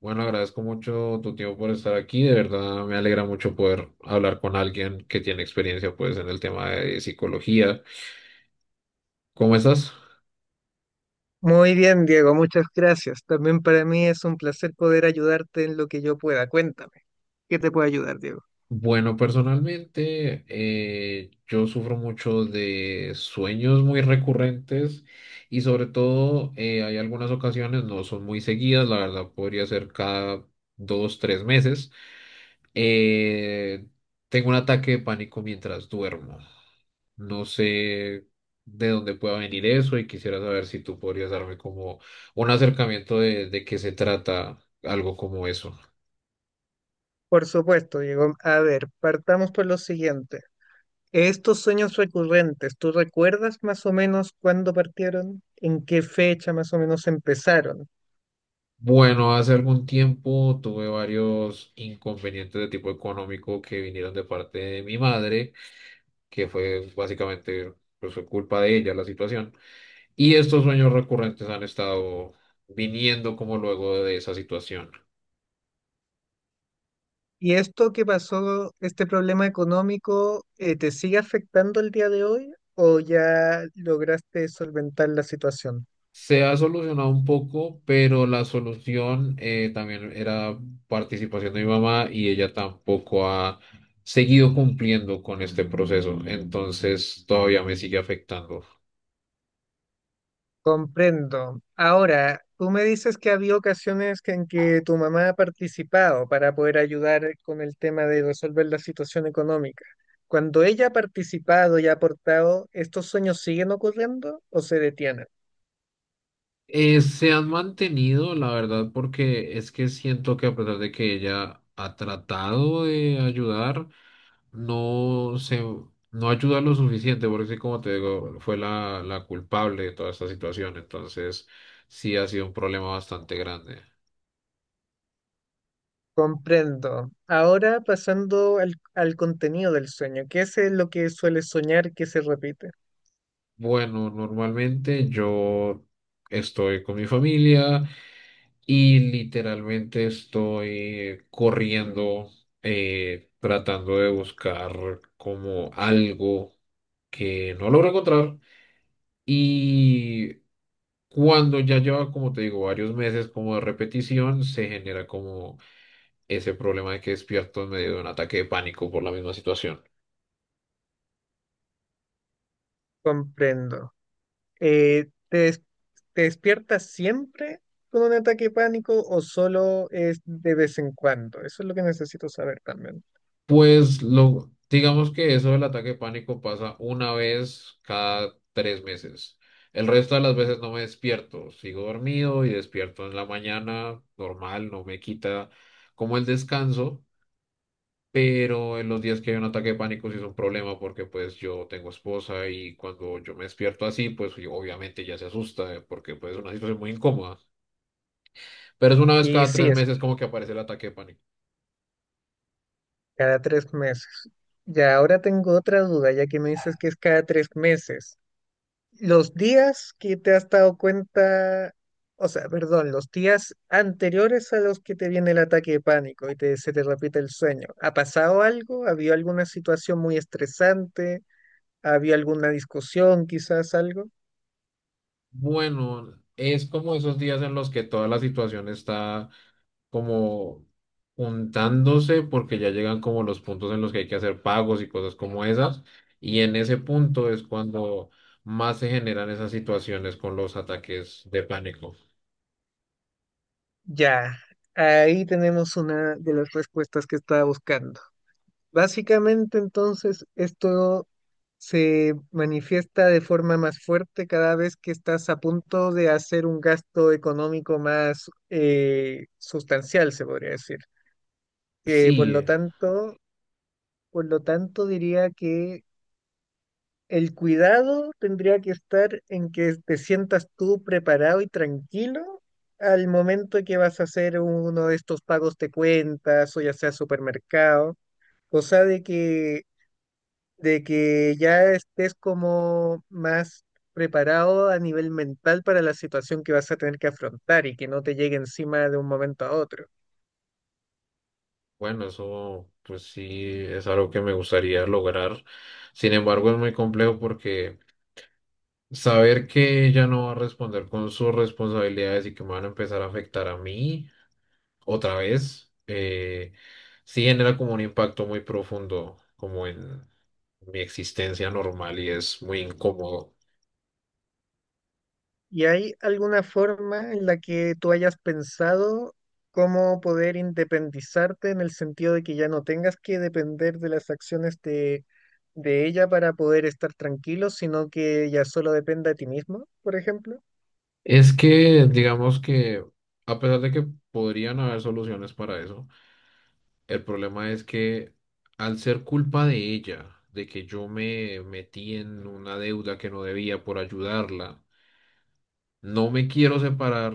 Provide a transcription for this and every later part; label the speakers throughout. Speaker 1: Bueno, agradezco mucho tu tiempo por estar aquí. De verdad, me alegra mucho poder hablar con alguien que tiene experiencia, pues, en el tema de psicología. ¿Cómo estás?
Speaker 2: Muy bien, Diego, muchas gracias. También para mí es un placer poder ayudarte en lo que yo pueda. Cuéntame, ¿qué te puede ayudar, Diego?
Speaker 1: Bueno, personalmente yo sufro mucho de sueños muy recurrentes y sobre todo, hay algunas ocasiones, no son muy seguidas, la verdad podría ser cada dos, tres meses. eh, Tengo un ataque de pánico mientras duermo. No sé de dónde pueda venir eso y quisiera saber si tú podrías darme como un acercamiento de qué se trata algo como eso.
Speaker 2: Por supuesto, Diego. A ver, partamos por lo siguiente. Estos sueños recurrentes, ¿tú recuerdas más o menos cuándo partieron? ¿En qué fecha más o menos empezaron?
Speaker 1: Bueno, hace algún tiempo tuve varios inconvenientes de tipo económico que vinieron de parte de mi madre, que fue básicamente, pues, fue culpa de ella la situación. Y estos sueños recurrentes han estado viniendo como luego de esa situación.
Speaker 2: ¿Y esto que pasó, este problema económico, te sigue afectando el día de hoy o ya lograste solventar la situación?
Speaker 1: Se ha solucionado un poco, pero la solución, también era participación de mi mamá y ella tampoco ha seguido cumpliendo con este proceso. Entonces todavía me sigue afectando.
Speaker 2: Comprendo. Ahora, tú me dices que había ocasiones en que tu mamá ha participado para poder ayudar con el tema de resolver la situación económica. Cuando ella ha participado y ha aportado, ¿estos sueños siguen ocurriendo o se detienen?
Speaker 1: Se han mantenido, la verdad, porque es que siento que a pesar de que ella ha tratado de ayudar, no se, no ayuda lo suficiente, porque sí, como te digo, fue la culpable de toda esta situación, entonces sí ha sido un problema bastante grande.
Speaker 2: Comprendo. Ahora pasando al contenido del sueño, ¿qué es lo que suele soñar que se repite?
Speaker 1: Bueno, normalmente yo estoy con mi familia. Y literalmente estoy corriendo, tratando de buscar como algo que no logro encontrar. Y cuando ya lleva, como te digo, varios meses como de repetición, se genera como ese problema de que despierto en medio de un ataque de pánico por la misma situación.
Speaker 2: Comprendo. Eh, ¿te, des- Te despiertas siempre con un ataque de pánico o solo es de vez en cuando? Eso es lo que necesito saber también.
Speaker 1: Pues lo, digamos que eso del ataque de pánico pasa una vez cada tres meses. El resto de las veces no me despierto, sigo dormido y despierto en la mañana, normal, no me quita como el descanso, pero en los días que hay un ataque de pánico sí es un problema porque pues yo tengo esposa y cuando yo me despierto así, pues yo- obviamente ya se asusta, porque pues es una situación muy incómoda. Pero es una vez
Speaker 2: Y
Speaker 1: cada
Speaker 2: sí,
Speaker 1: tres
Speaker 2: es
Speaker 1: meses como que aparece el ataque de pánico.
Speaker 2: cada 3 meses. Ya ahora tengo otra duda, ya que me dices que es cada 3 meses. Los días que te has dado cuenta, o sea, perdón, los días anteriores a los que te viene el ataque de pánico y se te repite el sueño, ¿ha pasado algo? ¿Había alguna situación muy estresante? ¿Había alguna discusión, quizás algo?
Speaker 1: Bueno, es como esos días en los que toda la situación está como juntándose porque ya llegan como los puntos en los que hay que hacer pagos y cosas como esas. Y en ese punto es cuando más se generan esas situaciones con los ataques de pánico.
Speaker 2: Ya, ahí tenemos una de las respuestas que estaba buscando. Básicamente, entonces, esto se manifiesta de forma más fuerte cada vez que estás a punto de hacer un gasto económico más sustancial, se podría decir. Eh, por lo
Speaker 1: Sí,
Speaker 2: tanto, por lo tanto, diría que el cuidado tendría que estar en que te sientas tú preparado y tranquilo al momento que vas a hacer uno de estos pagos de cuentas o ya sea supermercado, cosa de que, de que ya estés como más preparado a nivel mental para la situación que vas a tener que afrontar y que no te llegue encima de un momento a otro.
Speaker 1: bueno, eso pues sí es algo que me gustaría lograr. Sin embargo, es muy complejo porque saber que ella no va a responder con sus responsabilidades y que me van a empezar a afectar a mí. Otra vez, sí genera como un impacto muy profundo, como en mi existencia normal y es muy incómodo.
Speaker 2: ¿Y hay alguna forma en la que tú hayas pensado cómo poder independizarte en el sentido de que ya no tengas que depender de las acciones de ella para poder estar tranquilo, sino que ya solo dependa de ti mismo, por ejemplo?
Speaker 1: Es que, digamos que, a pesar de que podrían haber soluciones para eso, el problema es que al ser culpa de ella, de que yo me metí en una deuda que no debía por ayudarla, no me quiero separar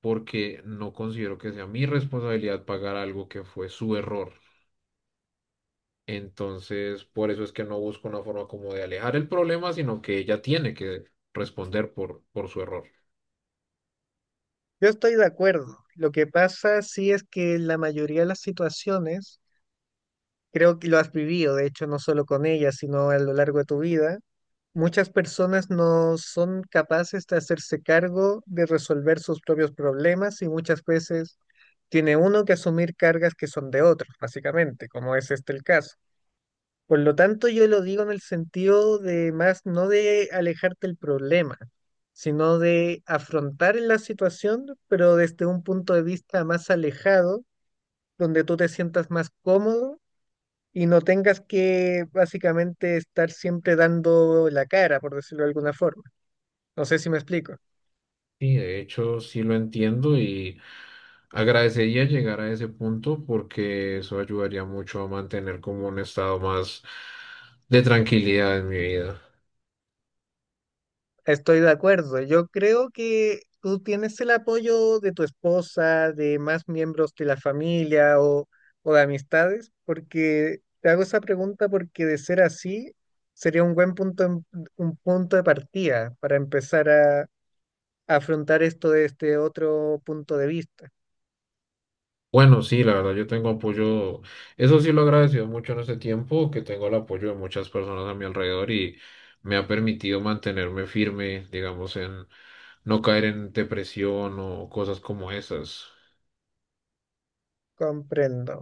Speaker 1: porque no considero que sea mi responsabilidad pagar algo que fue su error. Entonces, por eso es que no busco una forma como de alejar el problema, sino que ella tiene que responder por su error.
Speaker 2: Yo estoy de acuerdo. Lo que pasa sí es que en la mayoría de las situaciones, creo que lo has vivido, de hecho, no solo con ella, sino a lo largo de tu vida. Muchas personas no son capaces de hacerse cargo de resolver sus propios problemas y muchas veces tiene uno que asumir cargas que son de otros, básicamente, como es este el caso. Por lo tanto, yo lo digo en el sentido de más no de alejarte del problema, sino de afrontar la situación, pero desde un punto de vista más alejado, donde tú te sientas más cómodo y no tengas que básicamente estar siempre dando la cara, por decirlo de alguna forma. No sé si me explico.
Speaker 1: Y de hecho, sí lo entiendo y agradecería llegar a ese punto porque eso ayudaría mucho a mantener como un estado más de tranquilidad en mi vida.
Speaker 2: Estoy de acuerdo. Yo creo que tú tienes el apoyo de tu esposa, de más miembros de la familia o de amistades, porque te hago esa pregunta porque de ser así sería un buen un punto de partida para empezar afrontar esto desde otro punto de vista.
Speaker 1: Bueno, sí, la verdad, yo tengo apoyo, eso sí lo he agradecido mucho en este tiempo, que tengo el apoyo de muchas personas a mi alrededor y me ha permitido mantenerme firme, digamos, en no caer en depresión o cosas como esas.
Speaker 2: Comprendo.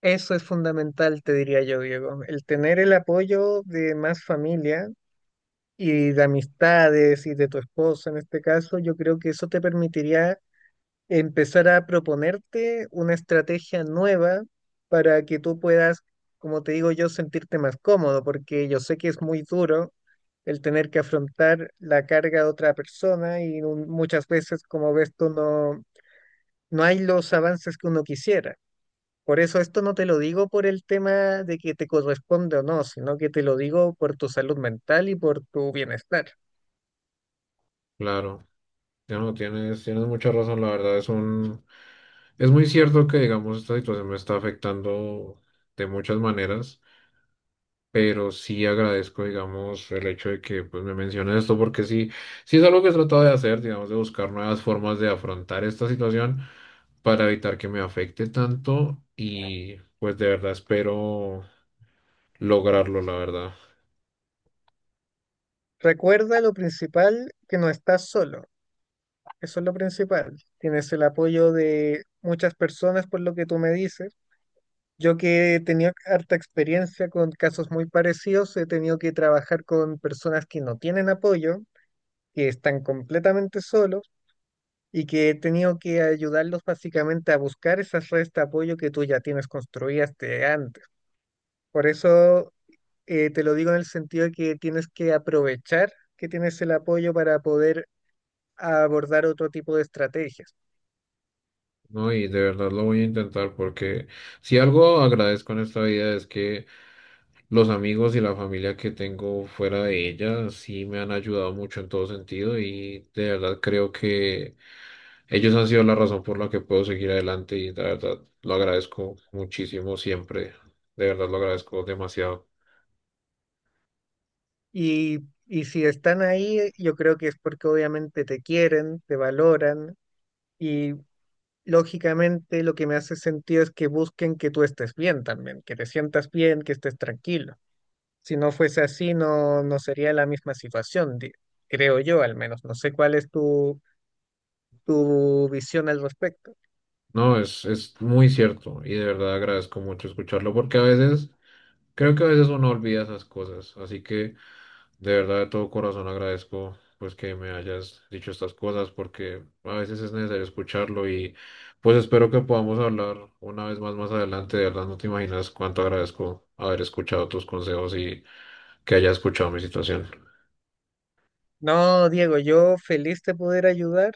Speaker 2: Eso es fundamental, te diría yo, Diego. El tener el apoyo de más familia y de amistades y de tu esposa en este caso, yo creo que eso te permitiría empezar a proponerte una estrategia nueva para que tú puedas, como te digo yo, sentirte más cómodo, porque yo sé que es muy duro el tener que afrontar la carga de otra persona y muchas veces, como ves tú, no hay los avances que uno quisiera. Por eso esto no te lo digo por el tema de que te corresponde o no, sino que te lo digo por tu salud mental y por tu bienestar.
Speaker 1: Claro, ya no tienes, tienes mucha razón, la verdad, es un, es muy cierto que, digamos, esta situación me está afectando de muchas maneras. Pero sí agradezco, digamos, el hecho de que pues, me menciones esto, porque sí, sí es algo que he tratado de hacer, digamos, de buscar nuevas formas de afrontar esta situación para evitar que me afecte tanto y pues de verdad espero lograrlo, la verdad,
Speaker 2: Recuerda lo principal, que no estás solo. Eso es lo principal. Tienes el apoyo de muchas personas por lo que tú me dices. Yo que he tenido harta experiencia con casos muy parecidos, he tenido que trabajar con personas que no tienen apoyo, que están completamente solos, y que he tenido que ayudarlos básicamente a buscar esas redes de apoyo que tú ya tienes construidas de antes. Por eso te lo digo en el sentido de que tienes que aprovechar que tienes el apoyo para poder abordar otro tipo de estrategias.
Speaker 1: ¿no? Y de verdad lo voy a intentar porque si algo agradezco en esta vida es que los amigos y la familia que tengo fuera de ella sí me han ayudado mucho en todo sentido y de verdad creo que... Ellos han sido la razón por la que puedo seguir adelante y la verdad lo agradezco muchísimo siempre. De verdad lo agradezco demasiado.
Speaker 2: Y, y si están ahí, yo creo que es porque obviamente te quieren, te valoran y lógicamente lo que me hace sentido es que busquen que tú estés bien también, que te sientas bien, que estés tranquilo. Si no fuese así, no sería la misma situación, creo yo al menos. No sé cuál es tu visión al respecto.
Speaker 1: No, es muy cierto y de verdad agradezco mucho escucharlo porque a veces, creo que a veces uno olvida esas cosas. Así que de verdad de todo corazón agradezco pues que me hayas dicho estas cosas porque a veces es necesario escucharlo y pues espero que podamos hablar una vez más más adelante. De verdad no te imaginas cuánto agradezco haber escuchado tus consejos y que hayas escuchado mi situación.
Speaker 2: No, Diego, yo feliz de poder ayudar.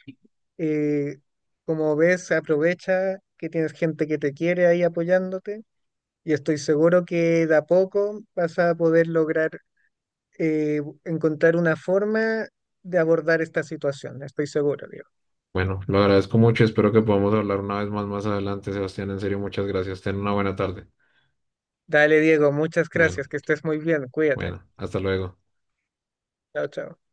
Speaker 2: Eh, como ves, aprovecha que tienes gente que te quiere ahí apoyándote y estoy seguro que de a poco vas a poder lograr encontrar una forma de abordar esta situación. Estoy seguro, Diego.
Speaker 1: Bueno, lo agradezco mucho y espero que podamos hablar una vez más más adelante, Sebastián. En serio, muchas gracias. Ten una buena tarde.
Speaker 2: Dale, Diego, muchas
Speaker 1: Bueno,
Speaker 2: gracias, que estés muy bien, cuídate.
Speaker 1: bueno, hasta luego.
Speaker 2: Chao, chao.